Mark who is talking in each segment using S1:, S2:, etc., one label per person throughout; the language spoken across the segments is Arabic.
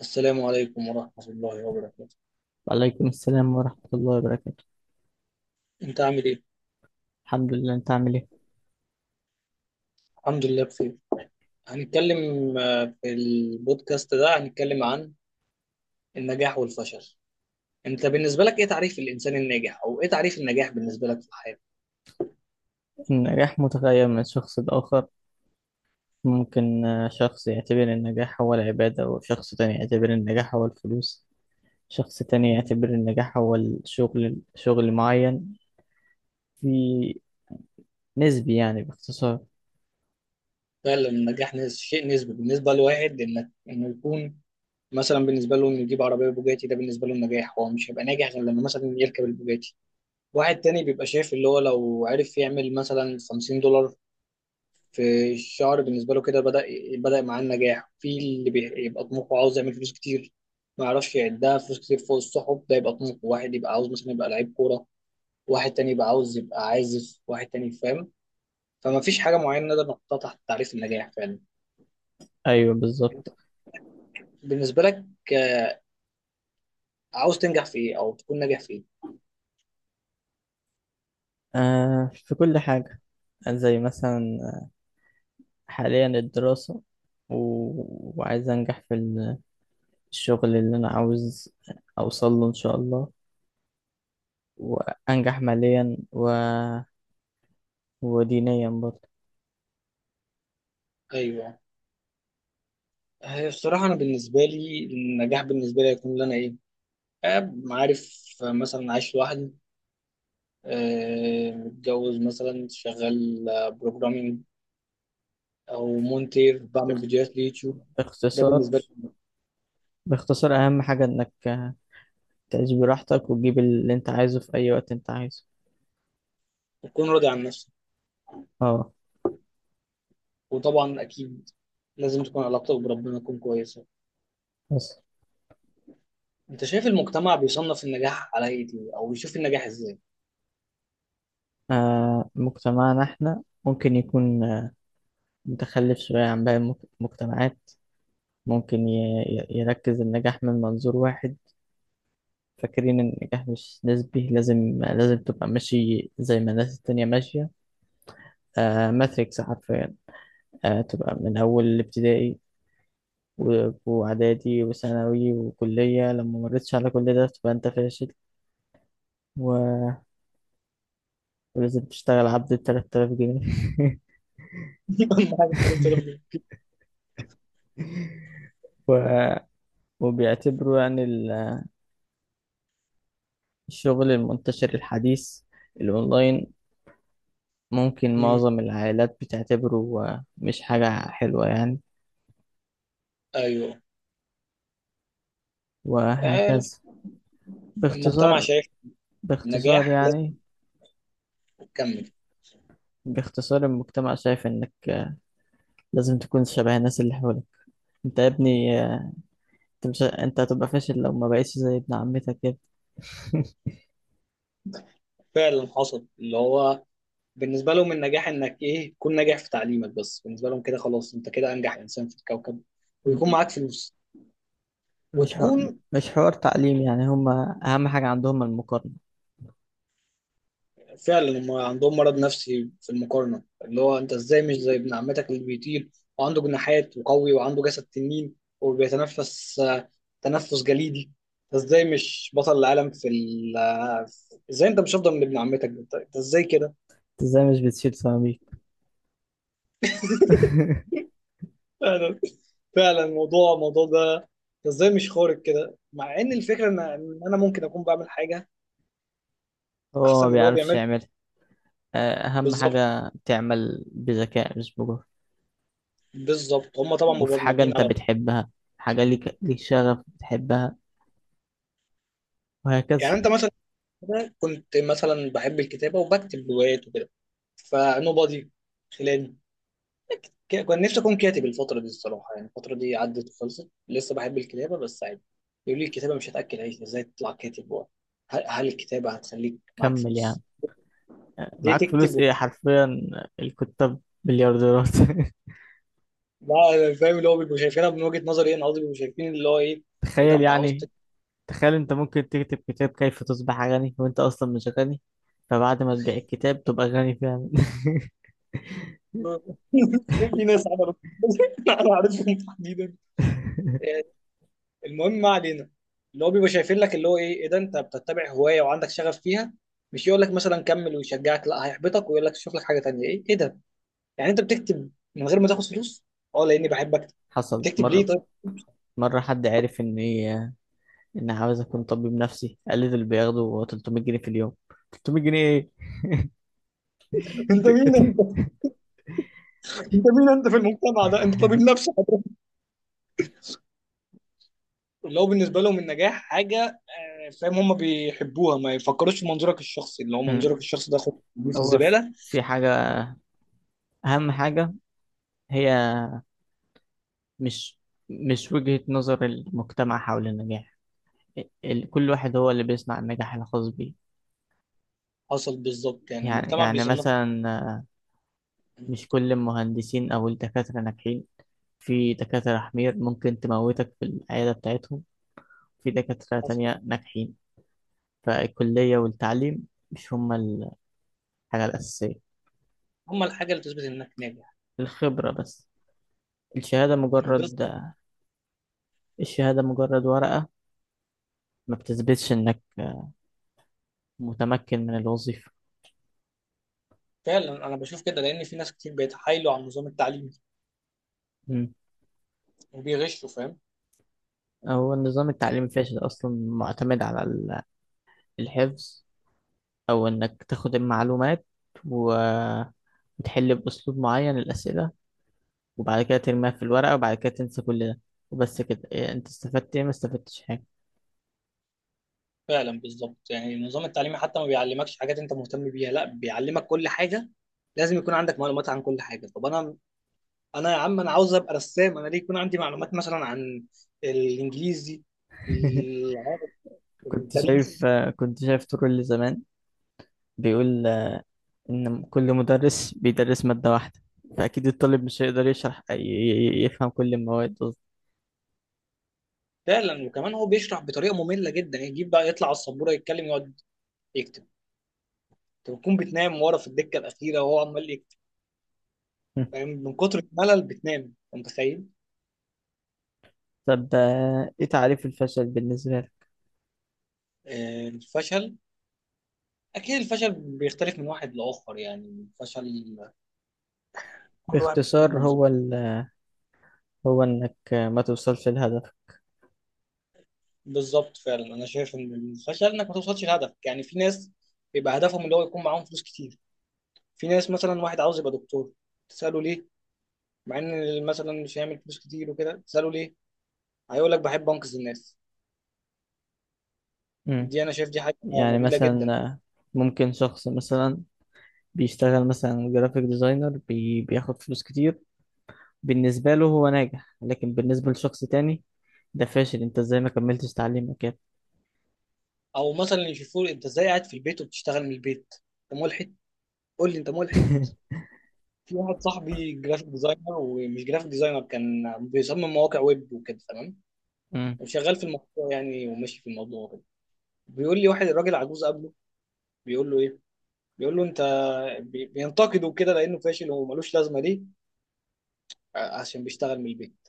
S1: السلام عليكم ورحمة الله وبركاته.
S2: وعليكم السلام ورحمة الله وبركاته.
S1: أنت عامل إيه؟
S2: الحمد لله، أنت عامل إيه؟
S1: الحمد لله بخير. هنتكلم في البودكاست ده هنتكلم عن النجاح والفشل. أنت بالنسبة لك إيه تعريف الإنسان الناجح أو إيه تعريف النجاح بالنسبة لك في الحياة؟
S2: النجاح متغير من شخص لآخر. ممكن شخص يعتبر النجاح هو العبادة، وشخص تاني يعتبر النجاح هو الفلوس. شخص تاني يعتبر النجاح هو الشغل، شغل معين في. نسبي يعني، باختصار.
S1: فعلا النجاح شيء نسبي، بالنسبة لواحد إنك إنه يكون مثلا بالنسبة له إنه يجيب عربية بوجاتي، ده بالنسبة له النجاح، هو مش هيبقى ناجح غير لما مثلا يركب البوجاتي. واحد تاني بيبقى شايف اللي هو لو عرف يعمل مثلا 50$ في الشعر بالنسبه له كده بدا، بدا معاه النجاح. في اللي بيبقى طموحه عاوز يعمل فلوس كتير، ما يعرفش يعدها، فلوس كتير فوق السحب، ده يبقى طموحه. واحد يبقى عاوز مثلا يبقى لعيب كوره، واحد تاني يبقى عاوز يبقى عازف، واحد تاني فاهم. فما فيش حاجه معينه نقدر نحطها تحت تعريف النجاح فعلا.
S2: أيوه،
S1: انت
S2: بالظبط.
S1: بالنسبه لك، آه، عاوز تنجح في ايه او تكون ناجح في ايه؟
S2: آه، في كل حاجة. زي مثلا حاليا الدراسة، و... وعايز أنجح في الشغل اللي أنا عاوز أوصل له إن شاء الله، وأنجح ماليا، و... ودينيا برضه.
S1: ايوه، هي الصراحه انا بالنسبه لي النجاح بالنسبه لي هيكون ان انا ايه، عارف، مثلا عايش لوحدي، متجوز، مثلا شغال بروجرامينج او مونتير بعمل
S2: باخت-
S1: فيديوهات ليوتيوب. ده
S2: باختصار
S1: بالنسبه لي.
S2: باختصار أهم حاجة إنك تعيش براحتك، وتجيب اللي أنت عايزه في أي وقت أنت عايزه.
S1: تكون راضي عن نفسك،
S2: اه.
S1: وطبعا اكيد لازم تكون علاقتك بربنا تكون كويسه.
S2: بس.
S1: انت شايف المجتمع بيصنف النجاح على ايه دي، او بيشوف النجاح ازاي؟
S2: مجتمعنا إحنا ممكن يكون متخلف شوية عن باقي المجتمعات. ممكن يركز النجاح من منظور واحد. فاكرين إن النجاح مش نسبي، لازم تبقى ماشي زي ما الناس التانية ماشية. ماتريكس حرفيا. تبقى من أول الابتدائي و- وإعدادي وثانوي وكلية، لما مريتش على كل ده تبقى أنت فاشل. و- ولازم تشتغل عبد التلات آلاف جنيه.
S1: أهم حاجة قلت ربنا.
S2: و... وبيعتبروا يعني الشغل المنتشر الحديث الأونلاين ممكن
S1: مم،
S2: معظم العائلات بتعتبره مش حاجة حلوة يعني.
S1: ايوه.
S2: وهكذا.
S1: آه، المجتمع
S2: باختصار
S1: شايف
S2: باختصار
S1: النجاح
S2: يعني،
S1: لازم تكمل.
S2: باختصار المجتمع شايف إنك لازم تكون شبه الناس اللي حواليك. أنت يا ابني، انت مش انت هتبقى فاشل لو ما بقيتش زي ابن عمتك كده.
S1: فعلا حصل اللي هو بالنسبة لهم النجاح انك ايه، تكون ناجح في تعليمك بس، بالنسبة لهم كده خلاص انت كده انجح انسان في الكوكب، ويكون معاك فلوس
S2: مش حو...
S1: وتكون.
S2: مش حوار تعليم، يعني هما اهم حاجة عندهم المقارنة.
S1: فعلا هم عندهم مرض نفسي في المقارنة، اللي هو انت ازاي مش زي ابن عمتك اللي بيطير وعنده جناحات وقوي وعنده جسد تنين وبيتنفس تنفس جليدي. انت ازاي مش بطل العالم في ال ازاي انت مش افضل من ابن عمتك، انت أنت ازاي كده؟
S2: انت ازاي مش بتشيل سيراميك؟
S1: فعلا. فعلا الموضوع، الموضوع ده ازاي مش خارق كده، مع ان الفكره ان إن انا ممكن اكون بعمل حاجه
S2: هو
S1: احسن
S2: ما
S1: من اللي هو
S2: بيعرفش
S1: بيعمله.
S2: يعملها. اهم
S1: بالظبط.
S2: حاجة تعمل بذكاء مش بجهد.
S1: بالظبط هم طبعا
S2: وفي حاجة
S1: مبرمجين
S2: انت
S1: على.
S2: بتحبها، حاجة ليك شغف بتحبها.
S1: يعني
S2: وهكذا.
S1: انت مثلا، أنا كنت مثلا بحب الكتابه وبكتب روايات وكده فنوبادي خلاني. كان نفسي اكون كاتب الفتره دي الصراحه، يعني الفتره دي عدت وخلصت، لسه بحب الكتابه بس عادي. يقول لي الكتابه مش هتاكل عيش، ازاي تطلع كاتب، هل الكتابه هتخليك معاك
S2: كمل يعني.
S1: فلوس؟ ليه
S2: معاك فلوس
S1: تكتب؟
S2: ايه حرفيا. الكتاب مليارديرات.
S1: لا، أنا فاهم اللي هو بيبقوا شايفينها، من وجهة نظري انا قصدي بيبقوا شايفين اللي هو ايه، ايه ده
S2: تخيل
S1: انت عاوز
S2: يعني. تخيل انت ممكن تكتب كتاب كيف تصبح غني، وانت اصلا مش غني. فبعد ما تبيع الكتاب تبقى غني فعلا.
S1: في ناس عملت. انا عارفهم تحديدا. المهم ما علينا. اللي هو بيبقى شايفين لك اللي هو ايه، ايه ده انت بتتبع هوايه وعندك شغف فيها، مش يقول لك مثلا كمل ويشجعك، لا هيحبطك ويقول لك شوف لك حاجه تانيه. ايه ايه ده، يعني انت بتكتب من غير ما تاخد فلوس؟ اه لاني بحب اكتب.
S2: حصل
S1: تكتب ليه
S2: مرة
S1: طيب؟
S2: مرة حد عرف ان عاوز اكون طبيب نفسي، قال لي دول بياخدوا 300 جنيه في اليوم. 300 جنيه ايه؟
S1: انت مين انت، انت مين انت في المجتمع ده انت طبيب نفسي. اللي هو بالنسبه لهم النجاح حاجه فاهم، هم بيحبوها، ما يفكروش في منظورك الشخصي، اللي هو منظورك
S2: مم.
S1: الشخصي ده خد في
S2: هو في
S1: الزباله.
S2: في حاجة، اهم حاجة هي مش مش وجهة نظر المجتمع حول النجاح. كل واحد هو اللي بيصنع النجاح الخاص بيه.
S1: حصل بالظبط، يعني
S2: يعني
S1: المجتمع
S2: يعني
S1: بيصنف.
S2: مثلا مش كل المهندسين أو الدكاترة ناجحين. في دكاترة حمير ممكن تموتك في العيادة بتاعتهم، في دكاترة
S1: حصل.
S2: تانية ناجحين. فالكلية والتعليم مش هما الحاجة الأساسية،
S1: هم الحاجه اللي تثبت انك ناجح.
S2: الخبرة بس. الشهادة مجرد
S1: بالظبط.
S2: الشهادة مجرد ورقة، ما بتثبتش إنك متمكن من الوظيفة.
S1: فعلا انا بشوف كده، لان في ناس كتير بيتحايلوا على النظام التعليمي
S2: مم.
S1: وبيغشوا فاهم.
S2: هو النظام التعليمي فاشل أصلا، معتمد على الحفظ، أو إنك تاخد المعلومات وتحل بأسلوب معين الأسئلة، وبعد كده ترميها في الورقة، وبعد كده تنسى كل ده. وبس كده، إيه انت استفدت ايه؟ ما استفدتش حاجة.
S1: فعلا بالظبط، يعني النظام التعليمي حتى ما بيعلمكش حاجات انت مهتم بيها، لا بيعلمك كل حاجه، لازم يكون عندك معلومات عن كل حاجه. طب انا، انا يا عم انا عاوز ابقى رسام، انا ليه يكون عندي معلومات مثلا عن الانجليزي، العربي،
S2: كنت
S1: التاريخ.
S2: شايف آه، كنت شايف طول زمان بيقول، ان كل مدرس بيدرس مادة واحدة، فأكيد الطالب مش هيقدر يشرح يفهم كل المواد أصلا.
S1: فعلا وكمان هو بيشرح بطريقه ممله جدا، يجيب بقى يطلع على السبوره يتكلم يقعد يكتب، انت بتكون بتنام ورا في الدكه الاخيره وهو عمال يكتب فاهم، من كتر الملل بتنام انت متخيل.
S2: طب، ايه تعريف الفشل بالنسبة لك؟
S1: الفشل، اكيد الفشل بيختلف من واحد لاخر، يعني الفشل كل واحد بيشوفه
S2: باختصار
S1: بمنظور.
S2: هو انك ما توصلش لهدف.
S1: بالظبط. فعلا انا شايف ان الفشل انك ما توصلش لهدفك. يعني في ناس بيبقى هدفهم اللي هو يكون معاهم فلوس كتير، في ناس مثلا واحد عاوز يبقى دكتور، تساله ليه، مع ان مثلا مش هيعمل فلوس كتير وكده، تساله ليه، هيقول لك بحب انقذ الناس.
S2: مم.
S1: دي انا شايف دي حاجه
S2: يعني
S1: نبيله جدا.
S2: مثلا ممكن شخص مثلا بيشتغل مثلا جرافيك ديزاينر، بياخد فلوس كتير. بالنسبة له هو ناجح، لكن بالنسبة لشخص تاني ده فاشل. انت ازاي ما كملتش تعليمك كده؟
S1: او مثلا يشوفوه انت ازاي قاعد في البيت وبتشتغل من البيت، انت ملحد، قول لي انت ملحد. في واحد صاحبي جرافيك ديزاينر، ومش جرافيك ديزاينر، كان بيصمم مواقع ويب وكده، تمام،
S2: مم.
S1: وشغال في الموضوع يعني، وماشي في الموضوع وكده، بيقول لي واحد الراجل عجوز قبله، بيقول له ايه، بيقول له انت، بينتقده كده لانه فاشل وملوش لازمه ليه، عشان بيشتغل من البيت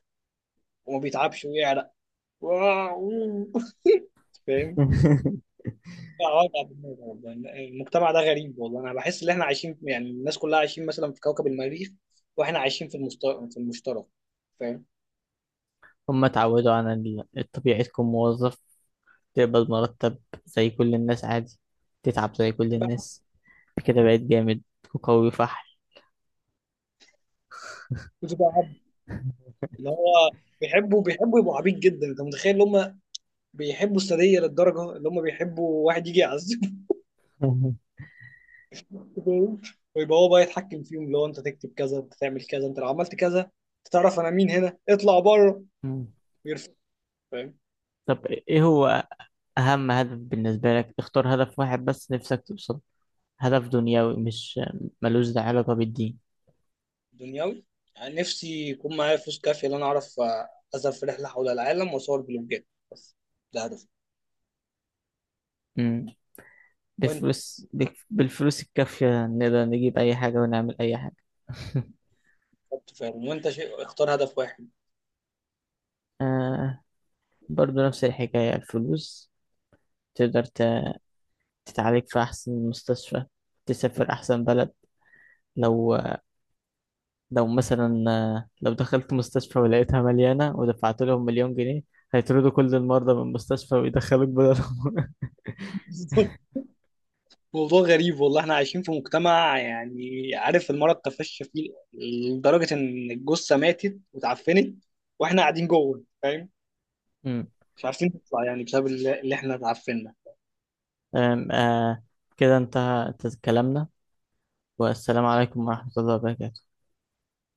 S1: وما بيتعبش ويعرق. واو. فاهم. لا، وجع دماغ والله. المجتمع ده غريب والله، انا بحس ان احنا عايشين يعني الناس كلها عايشين مثلا في كوكب المريخ، واحنا عايشين في في المشترك فاهم.
S2: هما اتعودوا على الطبيعي، تكون موظف، تقبض مرتب زي كل الناس، عادي، تتعب زي كل
S1: تبقى،
S2: الناس، كده بقيت جامد وقوي فحل.
S1: بتبقى عبد اللي هو، بيحبوا، بيحبوا يبقوا عبيط جدا، انت متخيل ان هم بيحبوا السادية للدرجة اللي هم بيحبوا واحد يجي يعذبهم. فاهم؟ ويبقى هو بقى يتحكم فيهم، اللي هو انت تكتب كذا، انت تعمل كذا، انت لو عملت كذا انت تعرف انا مين، هنا اطلع بره
S2: مم.
S1: ويرفع.
S2: طب ايه هو اهم هدف بالنسبة لك؟ اختار هدف واحد بس نفسك توصل، هدف دنيوي، مش ملوش ده علاقة بالدين.
S1: دنيوي، يعني نفسي يكون معايا فلوس كافية إن أنا أعرف أذهب في رحلة حول العالم وأصور بلوجات، بس. ده هدفي. وأنت،
S2: بالفلوس الكافية نقدر نجيب أي حاجة ونعمل أي حاجة.
S1: بالظبط فاهم، وأنت شيء، اختار هدف واحد.
S2: آه، برضو نفس الحكاية، الفلوس. تقدر تتعالج في أحسن مستشفى، تسافر أحسن بلد. لو لو مثلا، لو دخلت مستشفى ولقيتها مليانة ودفعت لهم مليون جنيه، هيطردوا كل المرضى من المستشفى ويدخلوك بدلهم.
S1: موضوع غريب والله، احنا عايشين في مجتمع يعني عارف، المرض تفشى فيه لدرجة إن الجثة ماتت واتعفنت وإحنا قاعدين جوه فاهم،
S2: أمم،
S1: مش عارفين نطلع، يعني بسبب اللي اللي إحنا اتعفنا.
S2: آم، آه كده انتهى كلامنا، والسلام عليكم ورحمة الله وبركاته.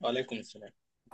S1: وعليكم السلام.